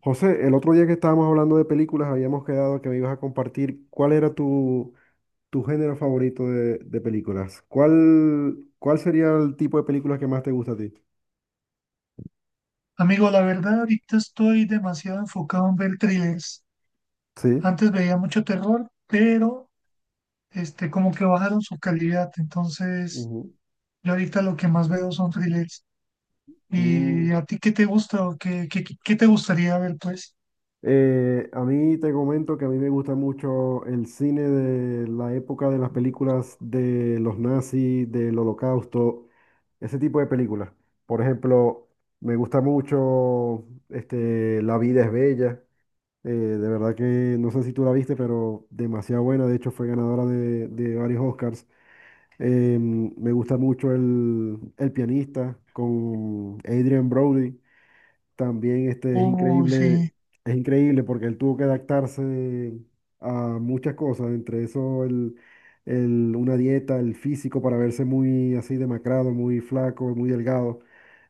José, el otro día que estábamos hablando de películas, habíamos quedado que me ibas a compartir cuál era tu género favorito de películas. ¿Cuál sería el tipo de películas que más te gusta a ti? Amigo, la verdad, ahorita estoy demasiado enfocado en ver thrillers. Sí. Antes veía mucho terror, pero como que bajaron su calidad. Entonces, Ujú. yo ahorita lo que más veo son thrillers. ¿Y Mm. a ti qué te gusta o qué te gustaría ver, pues? A mí te comento que a mí me gusta mucho el cine de la época de las películas de los nazis, del holocausto, ese tipo de películas. Por ejemplo, me gusta mucho La vida es bella. De verdad que no sé si tú la viste, pero demasiado buena. De hecho, fue ganadora de varios Oscars. Me gusta mucho el pianista con Adrian Brody. También este Uy, sí. es increíble porque él tuvo que adaptarse a muchas cosas, entre eso una dieta, el físico para verse muy así demacrado, muy flaco, muy delgado.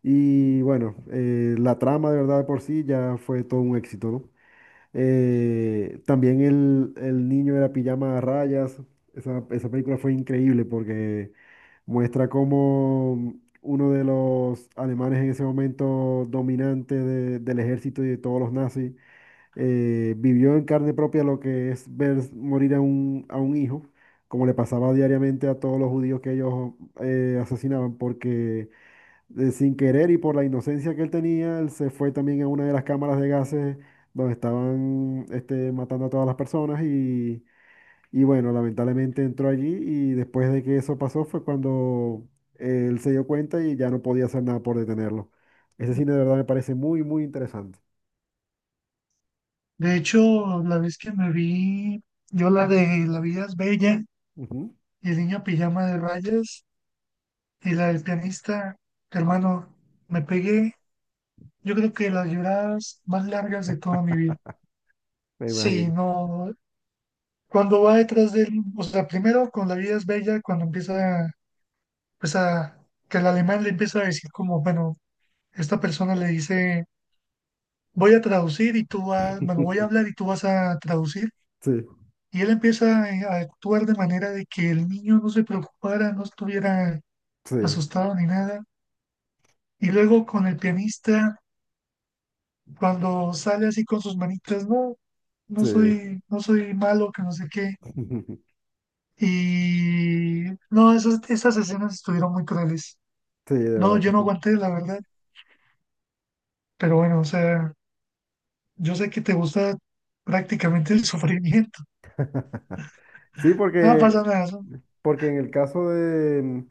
Y bueno, la trama de verdad de por sí ya fue todo un éxito, ¿no? También el niño de la pijama a rayas. Esa película fue increíble porque muestra cómo uno de los alemanes en ese momento dominante del ejército y de todos los nazis vivió en carne propia lo que es ver morir a un hijo, como le pasaba diariamente a todos los judíos que ellos asesinaban, porque sin querer y por la inocencia que él tenía, él se fue también a una de las cámaras de gases donde estaban matando a todas las personas y bueno, lamentablemente entró allí y después de que eso pasó fue cuando él se dio cuenta y ya no podía hacer nada por detenerlo. Ese cine de verdad me parece muy interesante. De hecho, la vez que me vi, yo la de La vida es bella Ujú, y el niño pijama de rayas y la del pianista, hermano, me pegué. Yo creo que las lloradas más largas de toda mi vida. me Sí, imagino. no, cuando va detrás de él, o sea, primero con La vida es bella, cuando empieza, pues a, que el alemán le empieza a decir como, bueno, esta persona le dice, voy a traducir y tú vas, bueno, voy a hablar y tú vas a traducir, Sí, y él empieza a actuar de manera de que el niño no se preocupara, no estuviera sí, asustado ni nada, y luego con el pianista, cuando sale así con sus manitas, no, no sí, soy, no soy malo, que no sé qué. Y no, esas escenas estuvieron muy crueles. sí, de No, verdad yo que no sí. aguanté, la verdad. Pero bueno, o sea, yo sé que te gusta prácticamente el sufrimiento. Sí, No pasa porque, nada, eso porque en el caso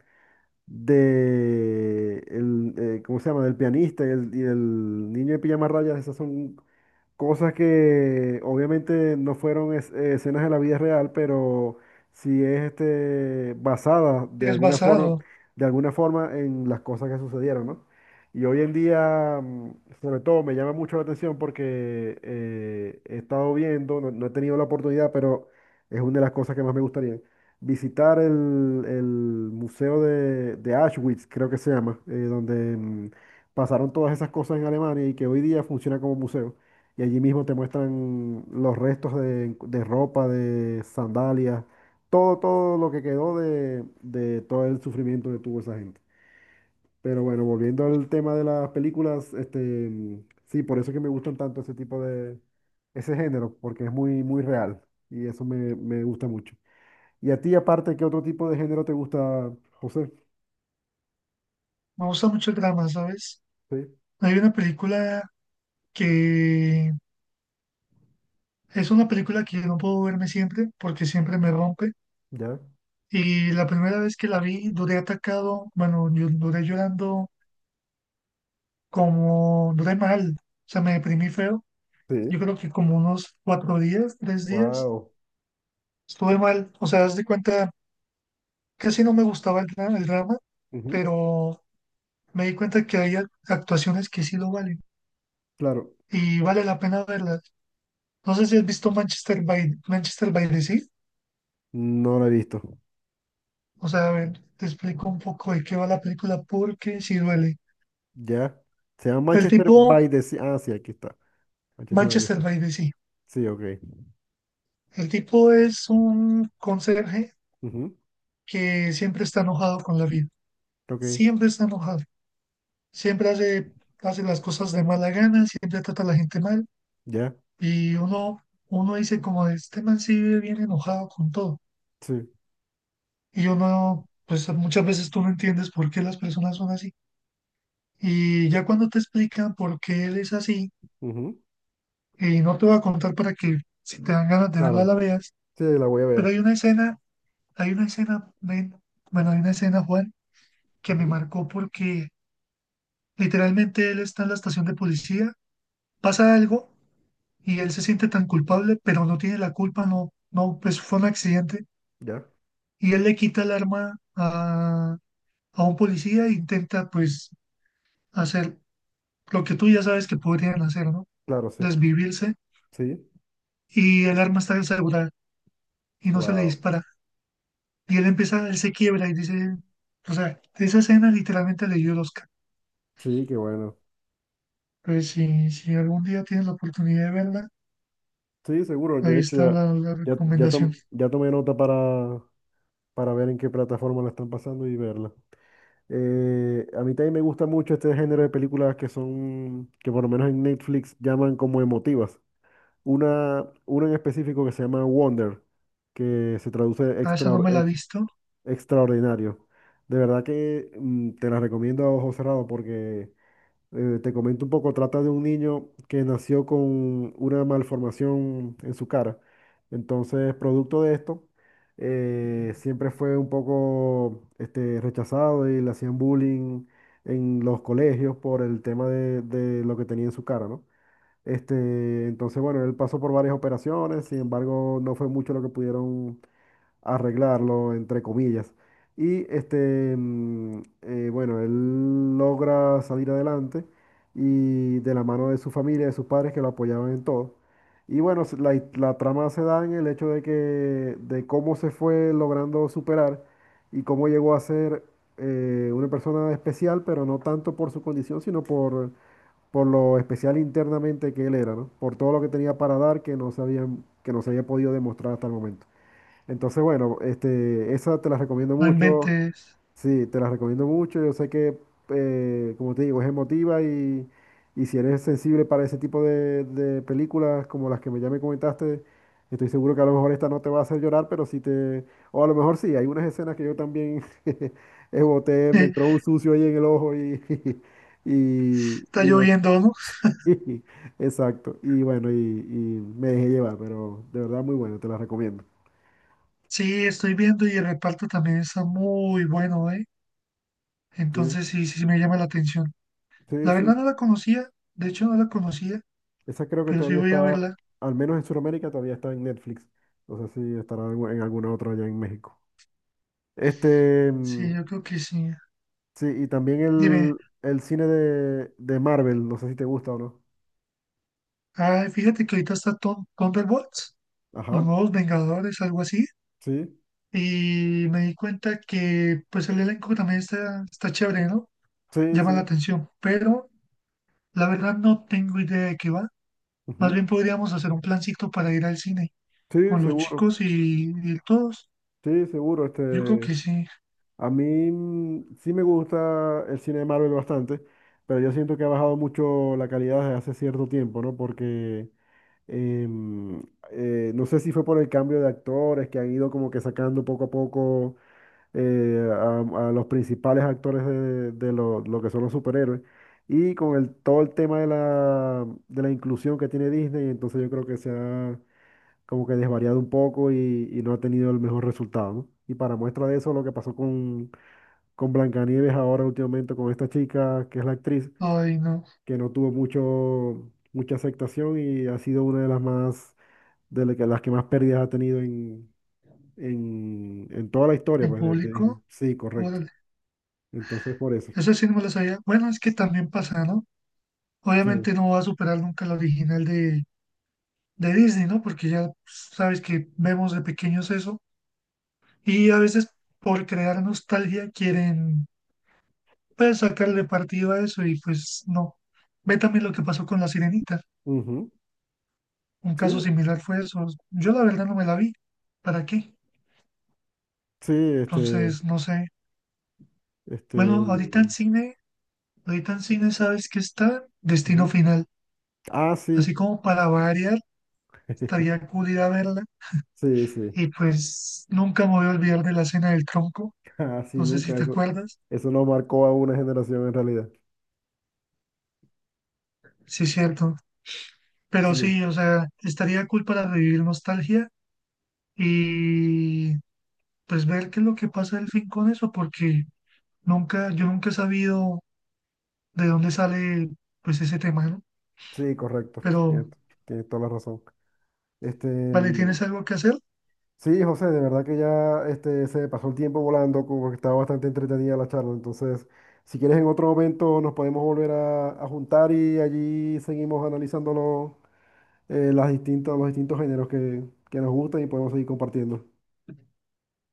de ¿cómo se llama? Del pianista y del niño de pijama rayas, esas son cosas que obviamente no fueron escenas de la vida real, pero sí es basada es basado. de alguna forma en las cosas que sucedieron, ¿no? Y hoy en día, mm, sobre todo, me llama mucho la atención porque he estado viendo, no, no he tenido la oportunidad, pero es una de las cosas que más me gustaría, visitar el museo de Auschwitz, creo que se llama, donde mm, pasaron todas esas cosas en Alemania y que hoy día funciona como museo. Y allí mismo te muestran los restos de ropa, de sandalias, todo lo que quedó de todo el sufrimiento que tuvo esa gente. Pero bueno, volviendo al tema de las películas, sí, por eso es que me gustan tanto ese tipo ese género, porque es muy real y eso me, me gusta mucho. Y a ti, aparte, ¿qué otro tipo de género te gusta, José? Me gusta mucho el drama, ¿sabes? Sí, Hay una película que es una película que yo no puedo verme siempre porque siempre me rompe. ya. Y la primera vez que la vi, duré atacado, bueno, yo duré llorando como, duré mal, o sea, me deprimí feo. Yo Sí. creo que como unos cuatro días, tres días, Wow. estuve mal. O sea, haz de cuenta, casi no me gustaba el, el drama, pero me di cuenta que hay actuaciones que sí lo valen Claro, y vale la pena verlas. No sé si has visto Manchester by the Sea. no lo he visto. O sea, a ver, te explico un poco de qué va la película porque sí duele. Ya. Se llama El Manchester by tipo, the Sea. Ah, sí, aquí está. Manchester by the Manchester Sea. by the Sea. Sí, ok. El tipo es un conserje Ujú. que siempre está enojado con la vida. Ok. Siempre está enojado, siempre hace, hace las cosas de mala gana, siempre trata a la gente mal Ya. y uno dice como este man sí vive bien enojado con todo Sí. y uno, pues muchas veces tú no entiendes por qué las personas son así y ya cuando te explican por qué él es así, Ujú. y no te voy a contar para que si te dan ganas de verla Claro. la veas, Sí, la voy a pero ver. Hay una escena, Juan, que me Ujú. marcó porque literalmente él está en la estación de policía, pasa algo y él se siente tan culpable, pero no tiene la culpa, no, no, pues fue un accidente Ya. y él le quita el arma a un policía e intenta pues hacer lo que tú ya sabes que podrían hacer, ¿no? Claro, sí. Desvivirse, Sí. y el arma está asegurada y no se le Wow. dispara y él empieza, él se quiebra y dice, o sea, esa escena literalmente le dio el Oscar. Sí, qué bueno. Pues si, si algún día tienes la oportunidad de verla, Sí, seguro. ahí De hecho, está ya, la ya, ya, recomendación. Ya tomé nota para ver en qué plataforma la están pasando y verla. A mí también me gusta mucho este género de películas que son, que por lo menos en Netflix llaman como emotivas. Una en específico que se llama Wonder, que se traduce Ah, esa no me la he visto, extraordinario. De verdad que mm, te la recomiendo a ojo cerrado porque te comento un poco, trata de un niño que nació con una malformación en su cara. Entonces, producto de esto, siempre fue un poco rechazado y le hacían bullying en los colegios por el tema de lo que tenía en su cara, ¿no? Entonces, bueno, él pasó por varias operaciones, sin embargo, no fue mucho lo que pudieron arreglarlo, entre comillas. Y bueno, él logra salir adelante y de la mano de su familia, de sus padres que lo apoyaban en todo. Y bueno, la trama se da en el hecho de que, de cómo se fue logrando superar y cómo llegó a ser una persona especial, pero no tanto por su condición, sino por lo especial internamente que él era, ¿no? Por todo lo que tenía para dar que no que no se había podido demostrar hasta el momento. Entonces, bueno, esa te la recomiendo no mucho. inventes. Sí, te la recomiendo mucho. Yo sé que, como te digo, es emotiva y si eres sensible para ese tipo de películas como las que me ya me comentaste, estoy seguro que a lo mejor esta no te va a hacer llorar, pero sí te... O a lo mejor sí, hay unas escenas que yo también boté, me Está entró un sucio ahí en el ojo y, y bot- lloviendo, ¿no? Exacto. Y bueno, y me dejé llevar, pero de verdad muy bueno, te la recomiendo. Sí, estoy viendo y el reparto también está muy bueno, ¿eh? Sí, Entonces sí, sí, sí me llama la atención. sí, La sí. verdad no la conocía, de hecho no la conocía, Esa creo que pero sí todavía voy a está, verla. al menos en Sudamérica, todavía está en Netflix. No sé si estará en alguna otra allá en México. Este, mm, Sí, yo creo que sí. sí, y también Dime, el cine de Marvel, no sé si te gusta o no. ah, fíjate que ahorita está Thunderbolts, los Ajá, nuevos Vengadores, algo así, sí, y me di cuenta que pues el elenco también está chévere, ¿no? sí, Llama la sí. atención, pero la verdad no tengo idea de qué va. Más Ujú. bien podríamos hacer un plancito para ir al cine Sí, con los seguro, chicos y ir todos. sí, seguro, Yo creo este. que sí. A mí mm, sí me gusta el cine de Marvel bastante, pero yo siento que ha bajado mucho la calidad desde hace cierto tiempo, ¿no? Porque em, no sé si fue por el cambio de actores que han ido como que sacando poco a poco a los principales actores de lo que son los superhéroes. Y con todo el tema de de la inclusión que tiene Disney, entonces yo creo que se ha como que desvariado un poco y no ha tenido el mejor resultado, ¿no? Y para muestra de eso, lo que pasó con Blancanieves ahora últimamente con esta chica que es la actriz Ay, no. que no tuvo mucho mucha aceptación y ha sido una de las más las que más pérdidas ha tenido en toda la historia En pues de público, Disney. Sí, correcto. órale. Entonces por eso. Esa sí no me la sabía. Bueno, es que también pasa, ¿no? Sí. Obviamente no va a superar nunca la original de Disney, ¿no? Porque ya pues, sabes que vemos de pequeños eso. Y a veces por crear nostalgia quieren, pues, sacarle partido a eso y pues no. Ve también lo que pasó con La Sirenita. Ujú. Un caso Sí, similar fue eso. Yo la verdad no me la vi. ¿Para qué? sí, Entonces, no sé. este Bueno, ahorita en cine sabes que está Destino ujú. Final. Ah, sí. Así como para variar, estaría cool ir a verla. Sí, Ah, sí. Y pues nunca me voy a olvidar de la cena del tronco. Así No sé si nunca te eso acuerdas. eso no marcó a una generación en realidad. Sí, es cierto. Pero Sí, sí, o sea, estaría cool para revivir nostalgia y pues ver qué es lo que pasa al fin con eso, porque nunca, yo nunca he sabido de dónde sale pues ese tema, ¿no? sí, correcto. Pero, Tienes toda la razón. Este, vale, mm, ¿tienes algo que hacer? sí, José, de verdad que ya se pasó el tiempo volando, como que estaba bastante entretenida la charla. Entonces, si quieres en otro momento nos podemos volver a juntar y allí seguimos analizando los los distintos géneros que nos gustan y podemos seguir compartiendo.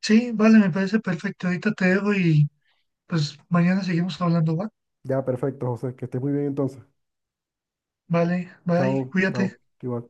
Sí, vale, me parece perfecto. Ahorita te dejo y pues mañana seguimos hablando, ¿va? Ya, perfecto, José, que estés muy bien entonces. Vale, bye, Chao, cuídate. chao, igual.